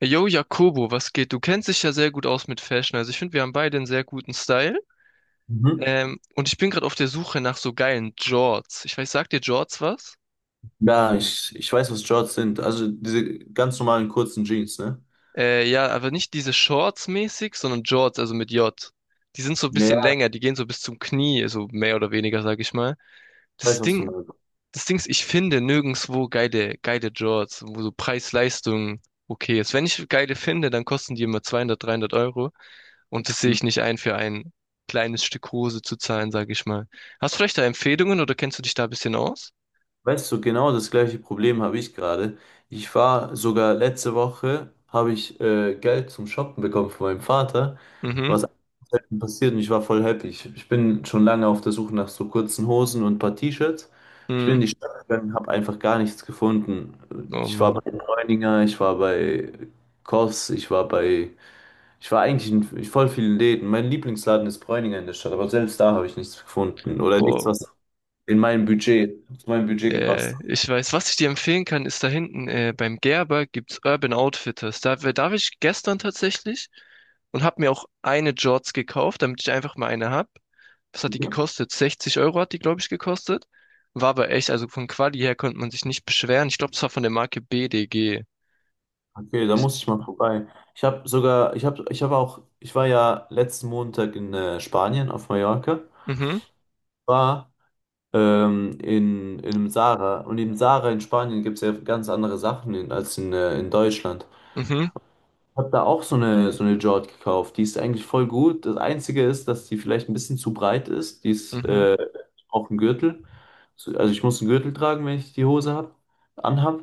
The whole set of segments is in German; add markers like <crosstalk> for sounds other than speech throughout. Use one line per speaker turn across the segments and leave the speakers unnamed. Yo, Jakobo, was geht? Du kennst dich ja sehr gut aus mit Fashion. Also ich finde, wir haben beide einen sehr guten Style.
Mhm.
Und ich bin gerade auf der Suche nach so geilen Jorts. Ich weiß, sagt dir Jorts was?
Ja, ich weiß, was Shorts sind. Also diese ganz normalen kurzen Jeans, ne?
Ja, aber nicht diese Shorts mäßig, sondern Jorts, also mit J. Die sind so ein
Ja,
bisschen
ja.
länger, die gehen so bis zum Knie, so mehr oder weniger, sag ich mal.
Ich weiß,
Das
was du
Ding,
meinst.
das Ding ist, ich finde nirgendwo geile Jorts, wo so Preis-Leistung okay ist. Wenn ich geile finde, dann kosten die immer 200, 300 Euro. Und das sehe
Mhm.
ich nicht ein, für ein kleines Stück Hose zu zahlen, sage ich mal. Hast du vielleicht da Empfehlungen oder kennst du dich da ein bisschen aus?
Weißt du, genau das gleiche Problem habe ich gerade. Ich war sogar letzte Woche, habe ich Geld zum Shoppen bekommen von meinem Vater,
Mhm,
was selten passiert, und ich war voll happy. Ich bin schon lange auf der Suche nach so kurzen Hosen und ein paar T-Shirts. Ich bin
mhm.
in die Stadt gegangen, habe einfach gar nichts gefunden.
Oh
Ich war
Mann.
bei Bräuninger, ich war bei Koss, ich war eigentlich in voll vielen Läden. Mein Lieblingsladen ist Bräuninger in der Stadt, aber selbst da habe ich nichts gefunden oder nichts,
Boah.
was zu meinem Budget gepasst
Äh,
hat.
ich weiß, was ich dir empfehlen kann, ist da hinten beim Gerber gibt's Urban Outfitters. Da war ich gestern tatsächlich und habe mir auch eine Jorts gekauft, damit ich einfach mal eine hab. Was hat die
Okay,
gekostet? 60 € hat die, glaube ich, gekostet. War aber echt, also von Quali her konnte man sich nicht beschweren. Ich glaube, das war von der Marke BDG.
okay, da
Ist-
muss ich mal vorbei. Ich war ja letzten Montag in Spanien auf Mallorca,
Mhm,
war in einem Zara, und im Zara in Spanien gibt es ja ganz andere Sachen als in Deutschland.
mhm,
Habe da auch so eine Jord gekauft. Die ist eigentlich voll gut. Das Einzige ist, dass die vielleicht ein bisschen zu breit ist. Die ist
mhm.
auch ein Gürtel. Also ich muss einen Gürtel tragen, wenn ich die Hose anhab.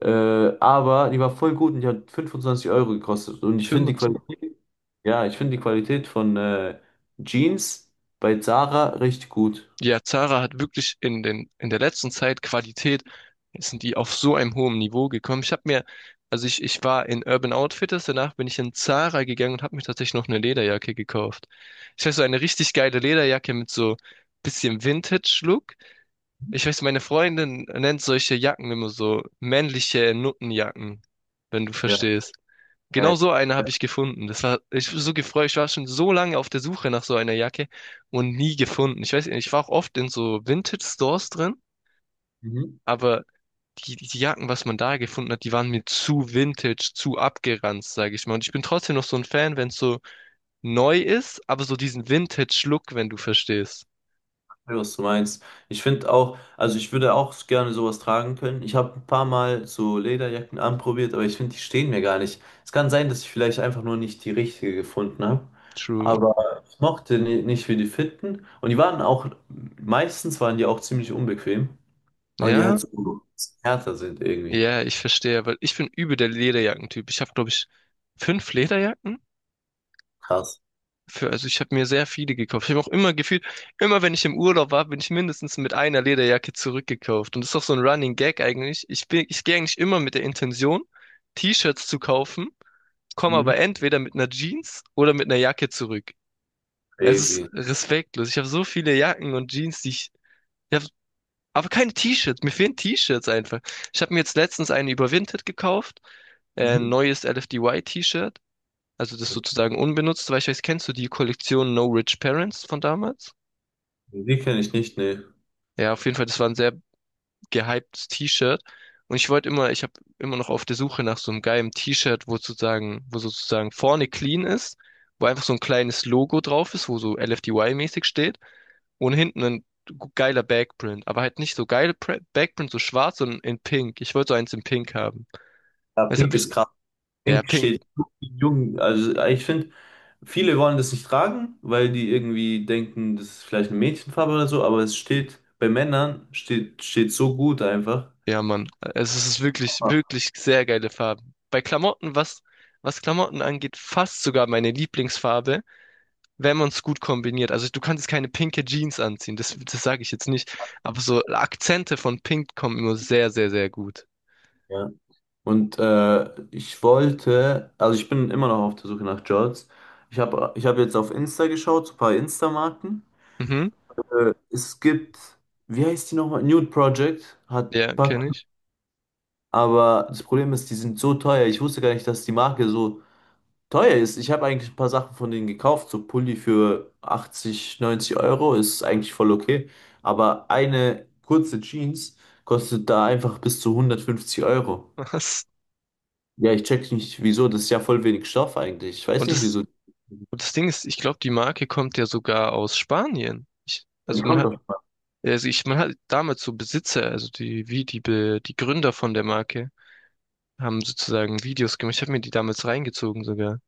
Äh, aber die war voll gut, und die hat 25 € gekostet. Und ich finde
Film
die
und so.
Qualität, ja, ich finde die Qualität von Jeans bei Zara richtig gut.
Ja, Zara hat wirklich in der letzten Zeit Qualität, sind die auf so einem hohen Niveau gekommen. Ich habe mir, also Ich war in Urban Outfitters, danach bin ich in Zara gegangen und habe mir tatsächlich noch eine Lederjacke gekauft. Ich weiß, so eine richtig geile Lederjacke mit so bisschen Vintage-Look. Ich weiß, meine Freundin nennt solche Jacken immer so männliche Nuttenjacken, wenn du
Ja.
verstehst.
Ja.
Genau so eine habe ich gefunden. Das war, ich war so gefreut. Ich war schon so lange auf der Suche nach so einer Jacke und nie gefunden. Ich weiß nicht, ich war auch oft in so Vintage-Stores drin,
Mhm.
aber die Jacken, was man da gefunden hat, die waren mir zu vintage, zu abgeranzt, sage ich mal. Und ich bin trotzdem noch so ein Fan, wenn es so neu ist, aber so diesen Vintage-Look, wenn du verstehst.
Ja, was du meinst. Ich finde auch, also ich würde auch gerne sowas tragen können. Ich habe ein paar Mal so Lederjacken anprobiert, aber ich finde, die stehen mir gar nicht. Es kann sein, dass ich vielleicht einfach nur nicht die richtige gefunden habe.
True.
Aber ich mochte nicht, wie die fitten. Meistens waren die auch ziemlich unbequem, weil die halt
Ja,
so härter sind irgendwie.
ja, ich verstehe, weil ich bin übel der Lederjackentyp. Ich habe, glaube ich, fünf Lederjacken.
Krass.
Für, also ich habe mir sehr viele gekauft. Ich habe auch immer gefühlt, immer wenn ich im Urlaub war, bin ich mindestens mit einer Lederjacke zurückgekauft. Und das ist auch so ein Running Gag eigentlich. Ich gehe eigentlich immer mit der Intention, T-Shirts zu kaufen, komme
Mhm.
aber entweder mit einer Jeans oder mit einer Jacke zurück. Es ist
Crazy.
respektlos. Ich habe so viele Jacken und Jeans, die ich, ich hab, aber keine T-Shirts. Mir fehlen T-Shirts einfach. Ich habe mir jetzt letztens eine überwintert gekauft, ein
Mhm.
neues LFDY-T-Shirt. Also das sozusagen unbenutzt, weil ich weiß, kennst du die Kollektion No Rich Parents von damals?
Die kenne ich nicht, ne.
Ja, auf jeden Fall, das war ein sehr gehyptes T-Shirt. Und ich wollte immer, ich habe immer noch auf der Suche nach so einem geilen T-Shirt, wo sozusagen vorne clean ist, wo einfach so ein kleines Logo drauf ist, wo so LFDY-mäßig steht und hinten ein geiler Backprint, aber halt nicht so geil Backprint, so schwarz, sondern in Pink. Ich wollte so eins in Pink haben.
Ja,
Das
pink
habe ich,
ist krass.
ja,
Pink
Pink,
steht jung. Also ich finde, viele wollen das nicht tragen, weil die irgendwie denken, das ist vielleicht eine Mädchenfarbe oder so, aber es steht bei Männern, steht so gut einfach.
Ja, Mann. Es ist wirklich, wirklich sehr geile Farben. Bei Klamotten, was Klamotten angeht, fast sogar meine Lieblingsfarbe, wenn man es gut kombiniert. Also du kannst keine pinke Jeans anziehen, das sage ich jetzt nicht. Aber so Akzente von Pink kommen immer sehr, sehr, sehr gut.
Ja. Und also ich bin immer noch auf der Suche nach Jorts. Ich hab jetzt auf Insta geschaut, so ein paar Insta-Marken.
Mhm.
Es gibt, wie heißt die nochmal? Nude Project hat
Ja,
Pack,
kenne ich.
aber das Problem ist, die sind so teuer. Ich wusste gar nicht, dass die Marke so teuer ist. Ich habe eigentlich ein paar Sachen von denen gekauft. So Pulli für 80, 90 € ist eigentlich voll okay. Aber eine kurze Jeans kostet da einfach bis zu 150 Euro.
Was?
Ja, ich check nicht, wieso. Das ist ja voll wenig Stoff eigentlich. Ich weiß
Und
nicht,
das,
wieso.
und das Ding ist, ich glaube, die Marke kommt ja sogar aus Spanien. Ich,
Ja, die
also man
kommt
hat,
auf.
also ich, Man hat damals so Besitzer, also die, wie die, Be- die Gründer von der Marke haben sozusagen Videos gemacht. Ich habe mir die damals reingezogen sogar.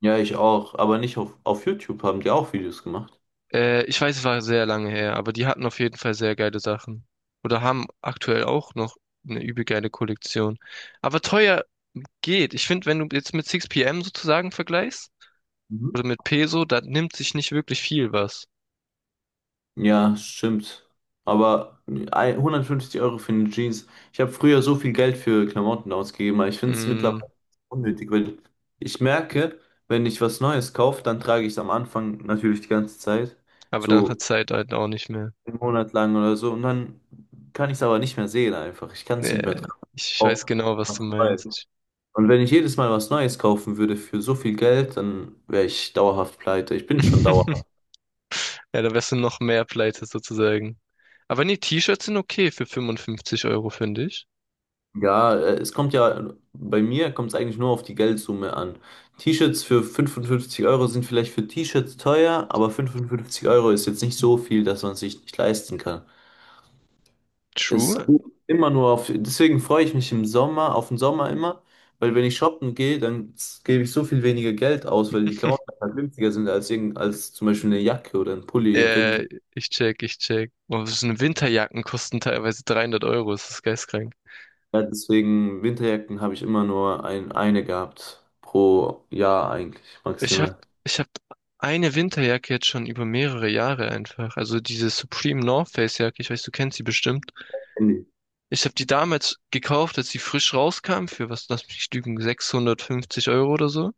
Ja, ich auch. Aber nicht auf YouTube haben die auch Videos gemacht.
Ich weiß, es war sehr lange her, aber die hatten auf jeden Fall sehr geile Sachen. Oder haben aktuell auch noch eine übel geile Kollektion. Aber teuer geht. Ich finde, wenn du jetzt mit 6pm sozusagen vergleichst, oder mit Peso, da nimmt sich nicht wirklich viel was.
Ja, stimmt. Aber 150 € für eine Jeans. Ich habe früher so viel Geld für Klamotten ausgegeben, aber ich finde es
Mm,
mittlerweile unnötig, weil ich merke, wenn ich was Neues kaufe, dann trage ich es am Anfang natürlich die ganze Zeit,
aber dann hat
so
Zeit halt auch nicht mehr.
einen Monat lang oder so, und dann kann ich es aber nicht mehr sehen einfach. Ich kann es nicht mehr
Äh,
tragen.
ich weiß
Auch
genau, was du
was Neues.
meinst.
Und wenn ich jedes Mal was Neues kaufen würde für so viel Geld, dann wäre ich dauerhaft pleite. Ich bin schon dauerhaft.
<laughs> Ja, da wärst du noch mehr pleite sozusagen. Aber nee, T-Shirts sind okay für 55 Euro, finde ich.
Ja, bei mir kommt es eigentlich nur auf die Geldsumme an. T-Shirts für 55 € sind vielleicht für T-Shirts teuer, aber 55 € ist jetzt nicht so viel, dass man sich nicht leisten kann. Es geht
True.
immer nur auf, deswegen freue ich mich auf den Sommer immer, weil wenn ich shoppen gehe, dann gebe ich so viel weniger Geld aus, weil die Klamotten halt günstiger sind als zum Beispiel eine Jacke oder ein Pulli im Winter.
Äh, ich check. Oh, so eine Winterjacken kosten teilweise 300 Euro. Das ist geistkrank.
Ja, deswegen Winterjacken habe ich immer nur eine gehabt pro Jahr eigentlich,
Ich hab,
maximal.
ich hab eine Winterjacke jetzt schon über mehrere Jahre einfach. Also diese Supreme North Face Jacke. Ich weiß, du kennst sie bestimmt. Ich habe die damals gekauft, als sie frisch rauskam, für was, lass mich nicht lügen, 650 € oder so.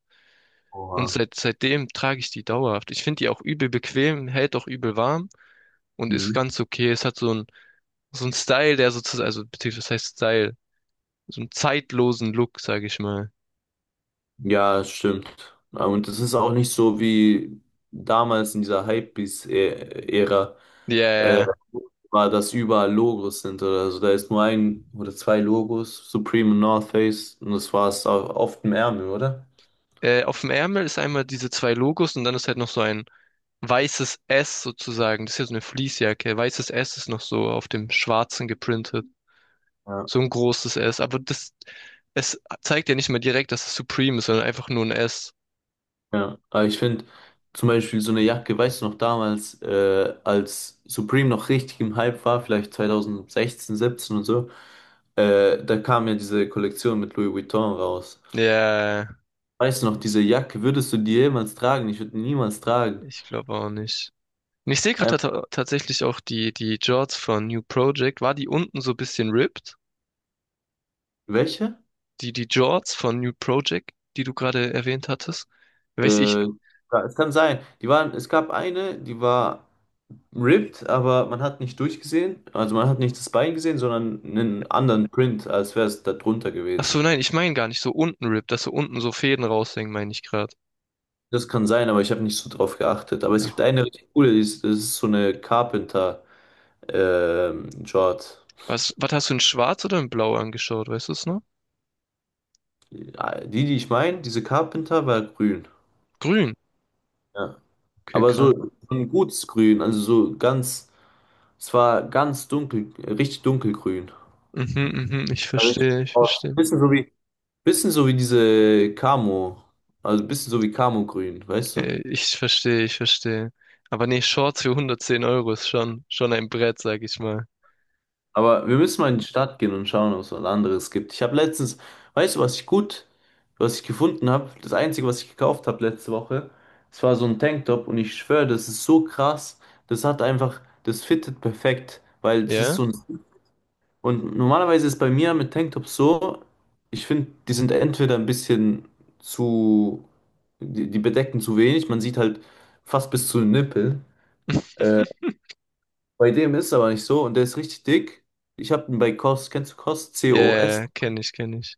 Und
Oha.
seit, seitdem trage ich die dauerhaft. Ich finde die auch übel bequem, hält auch übel warm und ist
Mhm.
ganz okay. Es hat so ein Style, der sozusagen, also, beziehungsweise, was heißt Style? So einen zeitlosen Look, sage ich mal.
Ja, das stimmt. Ja, und es ist auch nicht so wie damals in dieser Hypebeast-Ära
Ja,
äh,
ja.
war, dass überall Logos sind oder so. Da ist nur ein oder zwei Logos, Supreme und North Face, und das war es auch oft im Ärmel, oder?
Auf dem Ärmel ist einmal diese zwei Logos und dann ist halt noch so ein weißes S sozusagen. Das ist ja so eine Fleecejacke. Weißes S ist noch so auf dem Schwarzen geprintet.
Ja.
So ein großes S. Aber das, es zeigt ja nicht mal direkt, dass es Supreme ist, sondern einfach nur ein S.
Ja, aber ich finde zum Beispiel so eine Jacke, weißt du noch damals, als Supreme noch richtig im Hype war, vielleicht 2016, 17 und so, da kam ja diese Kollektion mit Louis Vuitton raus.
Ja,
Weißt du noch, diese Jacke, würdest du die jemals tragen? Ich würde die niemals tragen.
ich glaube auch nicht. Und ich sehe
Ähm,
gerade ta tatsächlich auch die Jorts von New Project. War die unten so ein bisschen ripped?
Welche?
Die Jorts von New Project, die du gerade erwähnt hattest? Weiß ich.
Ja, es kann sein. Es gab eine, die war ripped, aber man hat nicht durchgesehen. Also man hat nicht das Bein gesehen, sondern einen anderen Print, als wäre es da drunter
Ach so,
gewesen.
nein, ich meine gar nicht so unten Rip, dass so unten so Fäden raushängen, meine ich gerade.
Das kann sein, aber ich habe nicht so drauf geachtet. Aber es
Ja.
gibt eine richtig coole, das ist so eine Carpenter Short.
Was hast du in Schwarz oder in Blau angeschaut, weißt du es noch?
Die, die ich meine, diese Carpenter war grün.
Grün.
Ja.
Okay,
Aber so
krass.
so ein gutes Grün, also so ganz. Es war ganz dunkel, richtig dunkelgrün.
Mhm, ich
War richtig
verstehe, ich
aus.
verstehe.
Bisschen so wie, Bisschen so wie diese Camo. Also bisschen so wie Camo-Grün, weißt du?
Ich verstehe, ich verstehe. Aber nee, Shorts für 110 € ist schon, schon ein Brett, sag ich mal.
Aber wir müssen mal in die Stadt gehen und schauen, ob es was anderes gibt. Ich habe letztens, weißt du, was ich gefunden habe? Das Einzige, was ich gekauft habe letzte Woche, es war so ein Tanktop, und ich schwöre, das ist so krass. Das hat einfach, das fittet perfekt, weil es ist
Ja?
so ein. Und normalerweise ist bei mir mit Tanktops so, ich finde, die sind entweder ein bisschen zu, die bedecken zu wenig, man sieht halt fast bis zu den Nippeln.
<laughs>
Äh, Bei dem ist es aber nicht so, und der ist richtig dick. Ich habe ihn bei COS, kennst du COS? COS?
Ja, kenne ich, kenne ich.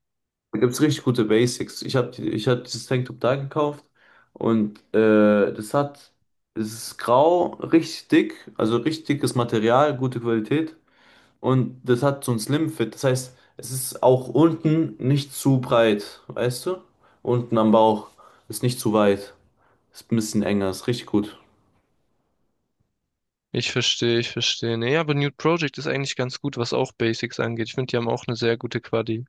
Da gibt es richtig gute Basics. Ich hab dieses Tanktop da gekauft, und es ist grau, richtig dick, also richtig dickes Material, gute Qualität. Und das hat so ein Slim Fit. Das heißt, es ist auch unten nicht zu breit, weißt du? Unten am Bauch ist nicht zu weit. Ist ein bisschen enger, ist richtig gut.
Ich verstehe, ich verstehe. Nee, aber Nude Project ist eigentlich ganz gut, was auch Basics angeht. Ich finde, die haben auch eine sehr gute Quali.